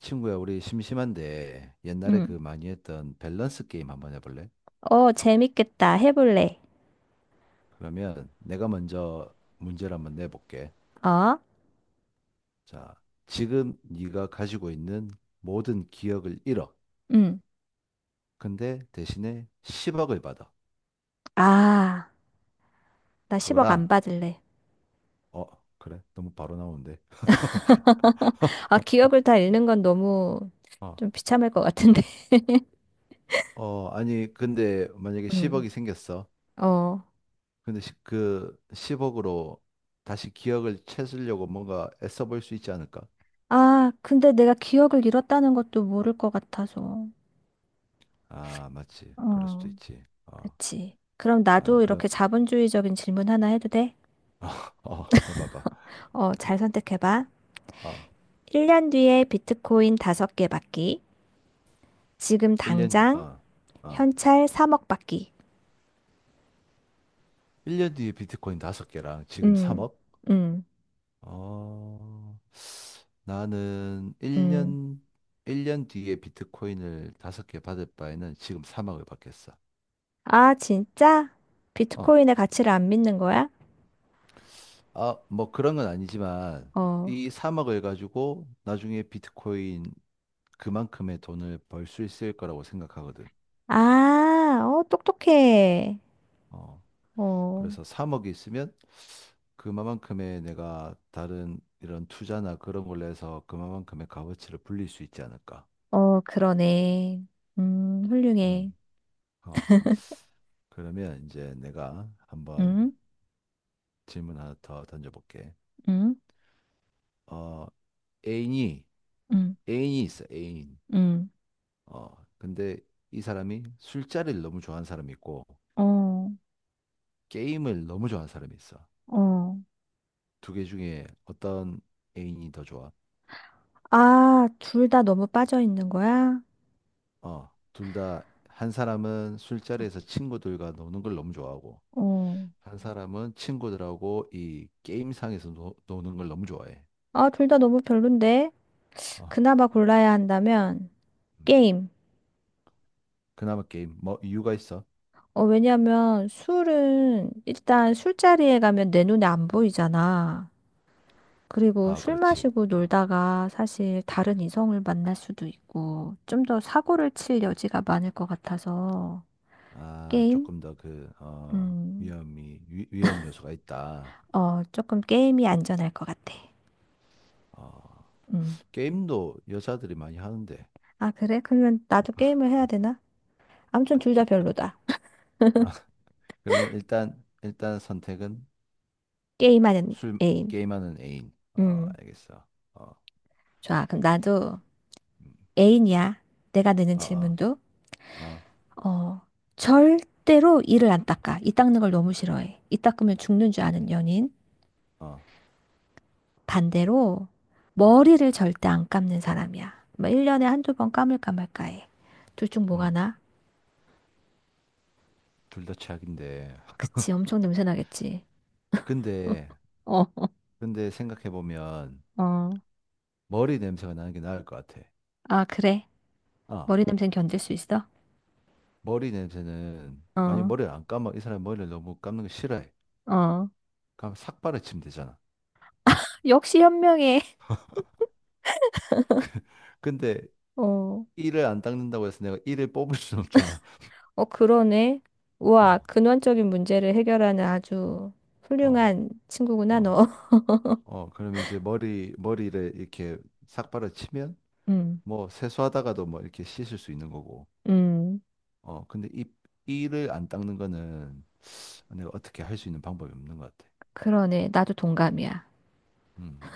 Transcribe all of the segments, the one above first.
친구야, 우리 심심한데 옛날에 그 응. 많이 했던 밸런스 게임 한번 해볼래? 어, 재밌겠다. 해볼래. 그러면 내가 먼저 문제를 한번 내볼게. 어? 자, 지금 네가 가지고 있는 모든 기억을 잃어. 응. 근데 대신에 10억을 받아. 아, 나 10억 안 그거랑 받을래. 어, 그래? 너무 바로 나오는데. 아, 기억을 다 잃는 건 너무 어, 좀 비참할 것 같은데. 아니 근데 만약에 응. 10억이 생겼어. 어. 근데 그 10억으로 다시 기억을 찾으려고 뭔가 애써 볼 수 있지 않을까? 아, 근데 내가 기억을 잃었다는 것도 모를 것 같아서. 아, 맞지. 그럴 수도 어. 있지. 그치. 그럼 아, 나도 그럼, 이렇게 자본주의적인 질문 하나 해도 돼? 해봐봐. 어, 잘 선택해봐. 어, 1년 뒤에 비트코인 5개 받기. 지금 1년, 뒤- 당장 어, 어, 현찰 3억 받기. 일 년 뒤에 비트코인 5개랑 지금 음, 3억? 음, 어, 나는 음. 일 년 뒤에 비트코인을 5개 받을 바에는 지금 3억을 받겠어. 아, 진짜? 어, 비트코인의 가치를 안 믿는 거야? 뭐 그런 건 아니지만, 어. 이 3억을 가지고 나중에 비트코인 그만큼의 돈을 벌 수 있을 거라고 생각하거든. 아, 어, 똑똑해. 어, 어, 그래서 3억이 있으면 그만큼의 내가 다른 이런 투자나 그런 걸로 해서 그만큼의 값어치를 불릴 수 있지 않을까. 어, 그러네. 음. 훌륭해. 어. 그러면 이제 내가 한번 응, 질문 하나 더 던져볼게. 응, 어, 애인이, 응, 애인이 있어, 애인. 응. 근데 이 사람이 술자리를 너무 좋아하는 사람이 있고, 어, 게임을 너무 좋아하는 사람이 있어. 어. 두 개 중에 어떤 애인이 더 좋아? 아, 둘 다 너무 빠져 있는 거야? 둘 다 한 사람은 술자리에서 친구들과 노는 걸 너무 좋아하고 어. 한 사람은 친구들하고 이 게임상에서 노는 걸 너무 좋아해. 아, 둘 다 너무 별론데? 어, 그나마 골라야 한다면, 음. 게임. 그나마 게임 뭐 이유가 있어? 어, 왜냐면 술은 일단 술자리에 가면 내 눈에 안 보이잖아. 그리고 아, 술 그렇지. 마시고 어. 놀다가 사실 다른 이성을 만날 수도 있고, 좀 더 사고를 칠 여지가 많을 것 같아서, 아, 게임? 조금 더 음, 위험 요소가 있다. 어, 조금 게임이 안전할 것 같아. 어, 음. 게임도 여자들이 많이 하는데. 아, 그래? 그러면 나도 게임을 해야 되나? 아무튼 둘 다 별로다. 아, 그러면 일단 선택은 게임하는 술 애인. 게임하는 애인. 어, 음. 알겠어. 어, 좋아. 그럼 나도 음. 애인이야. 내가 내는 어, 어, 질문도. 어, 어, 절대로 이를 안 닦아. 이 닦는 걸 너무 싫어해. 이 닦으면 죽는 줄 아는 연인. 어. 반대로 머리를 절대 안 감는 사람이야. 뭐 1년에 한두 번 감을까 말까 해. 둘 중 뭐가 음, 나? 둘 다 최악인데. 그치, 엄청 냄새 나겠지. 근데, 어, 근데 생각해보면 어. 머리 냄새가 나는 게 나을 것 같아. 아, 그래. 아, 머리 냄새는 견딜 수 있어? 머리 냄새는, 만약 어, 머리를 안 감아, 이 사람이 머리를 너무 감는 거 싫어해. 어. 그럼 삭 발라치면 되잖아. 역시 현명해. 근데 어, 이를 안 닦는다고 해서 내가 이를 뽑을 순 없잖아. 어, 그러네. 어, 우와, 근원적인 문제를 해결하는 아주 어, 훌륭한 친구구나, 어, 너. 어. 그러면 이제 머리를 이렇게 삭 발라치면 음, 뭐 세수하다가도 뭐 이렇게 씻을 수 있는 거고. 음. 근데 이 이를 안 닦는 거는 내가 어떻게 할 수 있는 방법이 없는 것 같아. 그러네. 나도 동감이야. 음.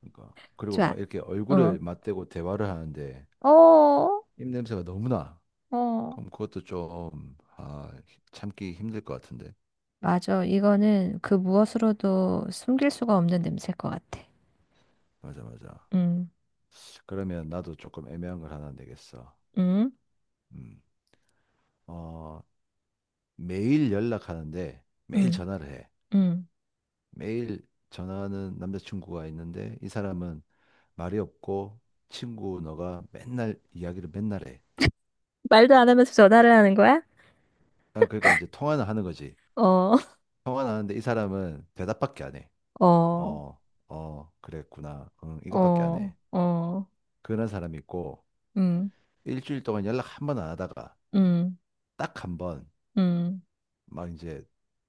그러니까 그리고 좋아. 막 이렇게 얼굴을 어. 맞대고 대화를 하는데 어, 입 냄새가 너무 나. 어. 그럼 그것도 참기 힘들 것 같은데. 맞아. 이거는 그 무엇으로도 숨길 수가 없는 냄새일 것 같아. 맞아, 맞아. 음, 그러면 나도 조금 애매한 걸 하나 내겠어. 음, 음. 어, 매일 연락하는데 매일 음, 전화를 해. 음. 매일 전화하는 남자친구가 있는데 이 사람은 말이 없고 친구 너가 맨날 이야기를 맨날 해. 말도 안 하면서 전화를 하는 거야? 아, 그러니까 이제 통화는 하는 거지. 어, 통화는 하는데 이 사람은 대답밖에 안 해. 어, 어, 어, 그랬구나. 응, 이것밖에 안 해. 어, 어, 그런 사람이 있고, 음, 일주일 동안 연락 한번 안 하다가, 음, 딱 한 번, 음. 막 이제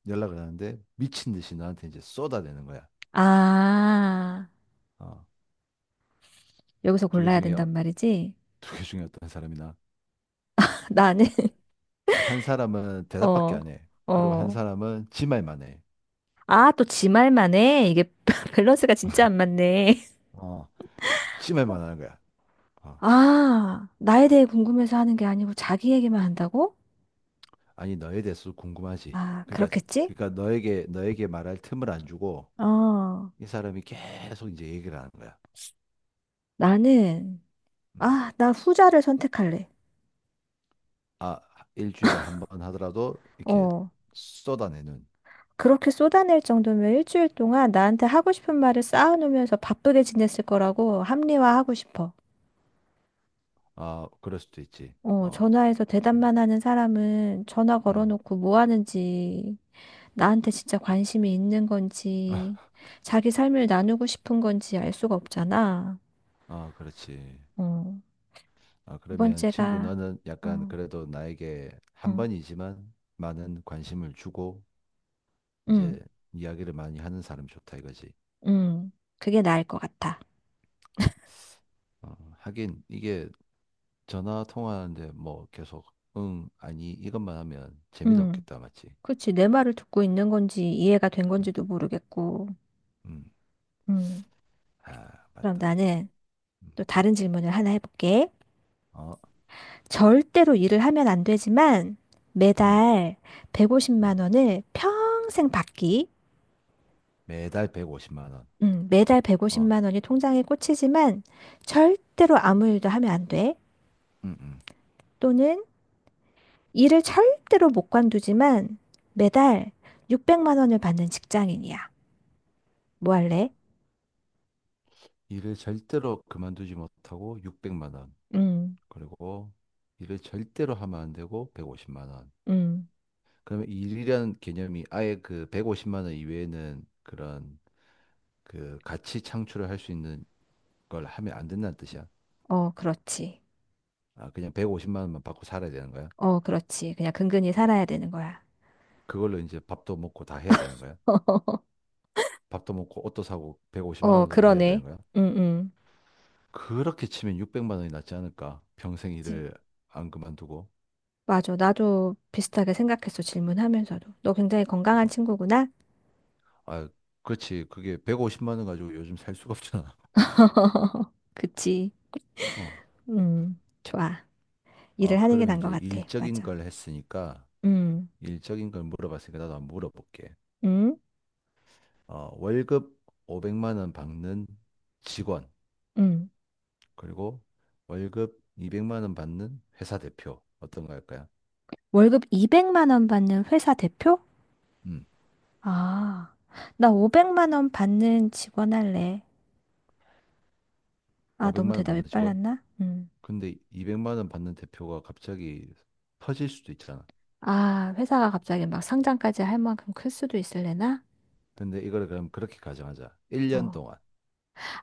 연락을 하는데, 미친 듯이 나한테 이제 쏟아내는 거야. 아, 어, 여기서 두 개 골라야 중에, 된단 말이지? 두 개 중에 어떤 사람이나. 나는, 한 사람은 대답밖에 어, 안 해. 그리고 한 어. 사람은 지 말만 해. 아, 또 지 말만 해. 이게 밸런스가 진짜 안 맞네. 어, 지 말만 하는 거야. 어, 아, 나에 대해 궁금해서 하는 게 아니고 자기 얘기만 한다고? 아니, 너에 대해서 궁금하지. 아, 그러니까, 그렇겠지? 그러니까 너에게 말할 틈을 안 주고, 어. 이 사람이 계속 이제 얘기를 하는 거야. 나는, 음. 아, 나 후자를 선택할래. 아, 일주일에 한번 하더라도 이렇게 어, 쏟아내는. 그렇게 쏟아낼 정도면 일주일 동안 나한테 하고 싶은 말을 쌓아놓으면서 바쁘게 지냈을 거라고 합리화하고 싶어. 아, 그럴 수도 있지. 어, 어, 전화해서 음, 대답만 하는 사람은 전화 음. 걸어놓고 뭐 하는지, 나한테 진짜 관심이 있는 건지, 자기 삶을 나누고 싶은 건지 알 수가 없잖아. 그렇지. 어, 아, 두 그러면 친구 번째가, 너는 약간 응, 그래도 나에게 한 응, 번이지만 많은 관심을 주고 응, 이제 이야기를 많이 하는 사람 좋다 이거지. 응, 그게 나을 것 같아. 하긴 이게 전화 통화하는데 뭐 계속 응, 아니 이것만 하면 재미는 응. 없겠다 맞지? 그치, 내 말을 듣고 있는 건지 이해가 된 음, 건지도 모르겠고. 음. 음. 아, 그럼 맞다 맞다. 나는 음. 또 다른 질문을 하나 해볼게. 어, 절대로 일을 하면 안 되지만 음, 매달 어. 150만 원을 평생 받기. 매달 150만 원. 매달 어, 150만 원이 통장에 꽂히지만 절대로 아무 일도 하면 안 돼. 음, 음. 또는 일을 절대로 못 관두지만 매달 600만 원을 받는 직장인이야. 뭐 할래? 일을 절대로 그만두지 못하고 600만 원. 음, 그리고 일을 절대로 하면 안 되고 150만 원. 음, 그러면 일이라는 개념이 아예 그 150만 원 이외에는 그런 그 가치 창출을 할 수 있는 걸 하면 안 된다는 뜻이야. 어, 그렇지. 아, 그냥 150만 원만 받고 살아야 되는 거야. 어, 그렇지. 그냥 근근히 살아야 되는 거야. 그걸로 이제 밥도 먹고 다 해야 되는 거야. 밥도 먹고 옷도 사고 150만 어, 원으로 해야 되는 그러네. 거야. 응, 응. 그렇게 치면 600만 원이 낫지 않을까? 평생 그치. 일을 안 그만두고. 맞아. 나도 비슷하게 생각했어. 질문하면서도. 너 굉장히 건강한 친구구나? 아, 그렇지. 그게 150만 원 가지고 요즘 살 수가 없잖아. 그치. 어. 좋아. 아, 일을 하는 게 그러면 나은 것 이제 같아. 일적인 맞아. 걸 했으니까, 음, 일적인 걸 물어봤으니까 나도 한번 물어볼게. 음, 월급 500만 원 받는 직원, 음. 그리고 월급 200만 원 받는 회사 대표. 어떤 거 할까요? 월급 200만 원 받는 회사 대표? 음, 아, 나 500만 원 받는 직원 할래. 아, 너무 500만 원 대답이 받는 직원? 빨랐나? 음. 근데 200만 원 받는 대표가 갑자기 터질 수도 있잖아. 아, 회사가 갑자기 막 상장까지 할 만큼 클 수도 있을래나? 근데 이걸 그럼 그렇게 가정하자. 1년 어. 동안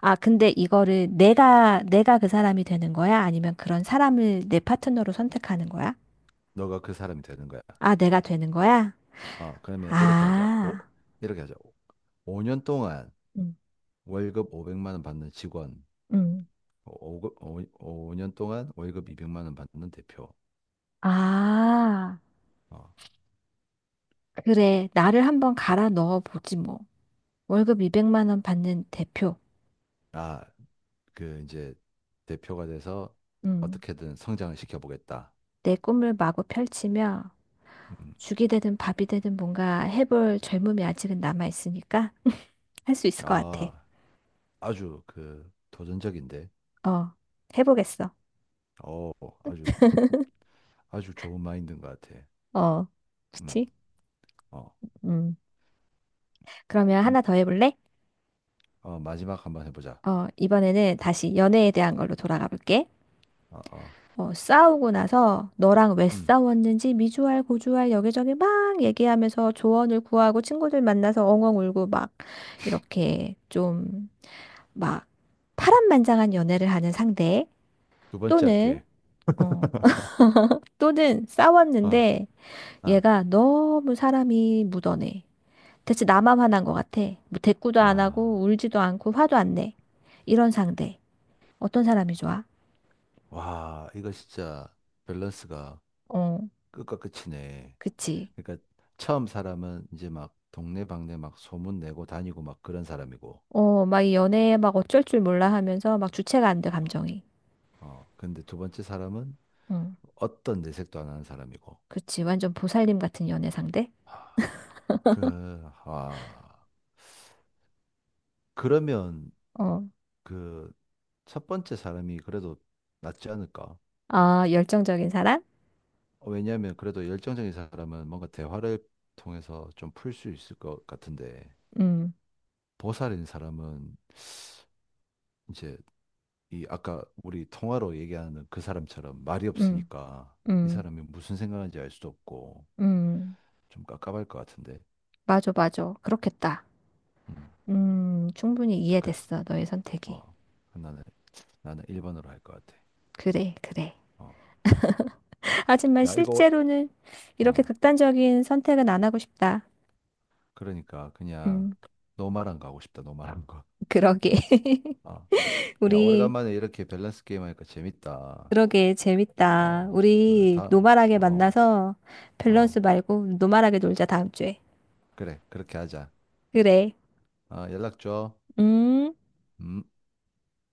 아, 근데 이거를 내가 그 사람이 되는 거야? 아니면 그런 사람을 내 파트너로 선택하는 거야? 너가 그 사람이 되는 거야. 아, 내가 되는 거야? 어, 그러면 이렇게 하자. 오, 아, 이렇게 하자. 5년 동안 음, 월급 500만 원 받는 직원, 음. 년 동안 월급 200만 원 받는 대표. 아, 어, 그래. 나를 한번 갈아 넣어 보지 뭐. 월급 200만 원 받는 대표. 아, 그 이제 대표가 돼서 음. 어떻게든 성장을 시켜보겠다. 내 꿈을 마구 펼치며 음, 죽이 되든 밥이 되든 뭔가 해볼 젊음이 아직은 남아 있으니까 할 수 있을 것 같아. 아, 아주 그 도전적인데, 어, 해보겠어. 어, 아주 아주 좋은 마인드인 것 같아. 어, 음, 그치? 어, 음. 그러면 하나 뭐, 더 해볼래? 마지막 한 번 해보자. 어, 이번에는 다시 연애에 대한 걸로 돌아가 볼게. 어, 어, 어, 싸우고 나서 너랑 왜 음, 싸웠는지 미주알 고주알 여기저기 막 얘기하면서 조언을 구하고 친구들 만나서 엉엉 울고 막 이렇게 좀 막 파란만장한 연애를 하는 상대. 두 번째 또는 할게. 어, 또는 어, 싸웠는데 어. 얘가 너무 사람이 묻어내. 대체 나만 화난 것 같아. 뭐 대꾸도 안 하고 아, 울지도 않고 화도 안 내. 이런 상대 어떤 사람이 좋아? 와, 이거 진짜 밸런스가 어, 끝과 끝이네. 그치. 그러니까 처음 사람은 이제 막 동네방네 막 소문 내고 다니고 막 그런 사람이고, 어, 막 이 연애에 막 어쩔 줄 몰라 하면서 막 주체가 안 돼, 어, 감정이. 근데 두 번째 사람은 응. 어떤 내색도 안 하는 사람이고, 그치. 완전 보살님 같은 연애 상대? 아, 그, 아, 그러면 어. 그 첫 번째 사람이 그래도 낫지 않을까? 아, 열정적인 사람? 왜냐하면 그래도 열정적인 사람은 뭔가 대화를 통해서 좀 풀 수 있을 것 같은데, 음, 보살인 사람은 이제 이 아까 우리 통화로 얘기하는 그 사람처럼 말이 음, 없으니까 이 음, 사람이 무슨 생각하는지 알 수도 없고 음. 좀 깝깝할 것 같은데. 맞아, 맞아. 그렇겠다. 음. 충분히 그, 이해됐어. 너의 어. 선택이. 그 나는 나는 1번으로 할 것 같아. 그래, 그래. 어. 어. 하지만 야, 이거 실제로는 이렇게 어. 극단적인 선택은 안 하고 싶다. 그러니까 그냥 음, 노말한 거 하고 싶다. 노말한 거. 그러게. 어. 야, 우리 오래간만에 이렇게 밸런스 게임 하니까 재밌다. 그러게, 재밌다. 어. 그래. 우리 다 노말하게 어. 만나서 밸런스 어. 말고 노말하게 놀자, 다음 주에. 그래. 그렇게 하자. 그래. 아, 연락 줘. 음. 음.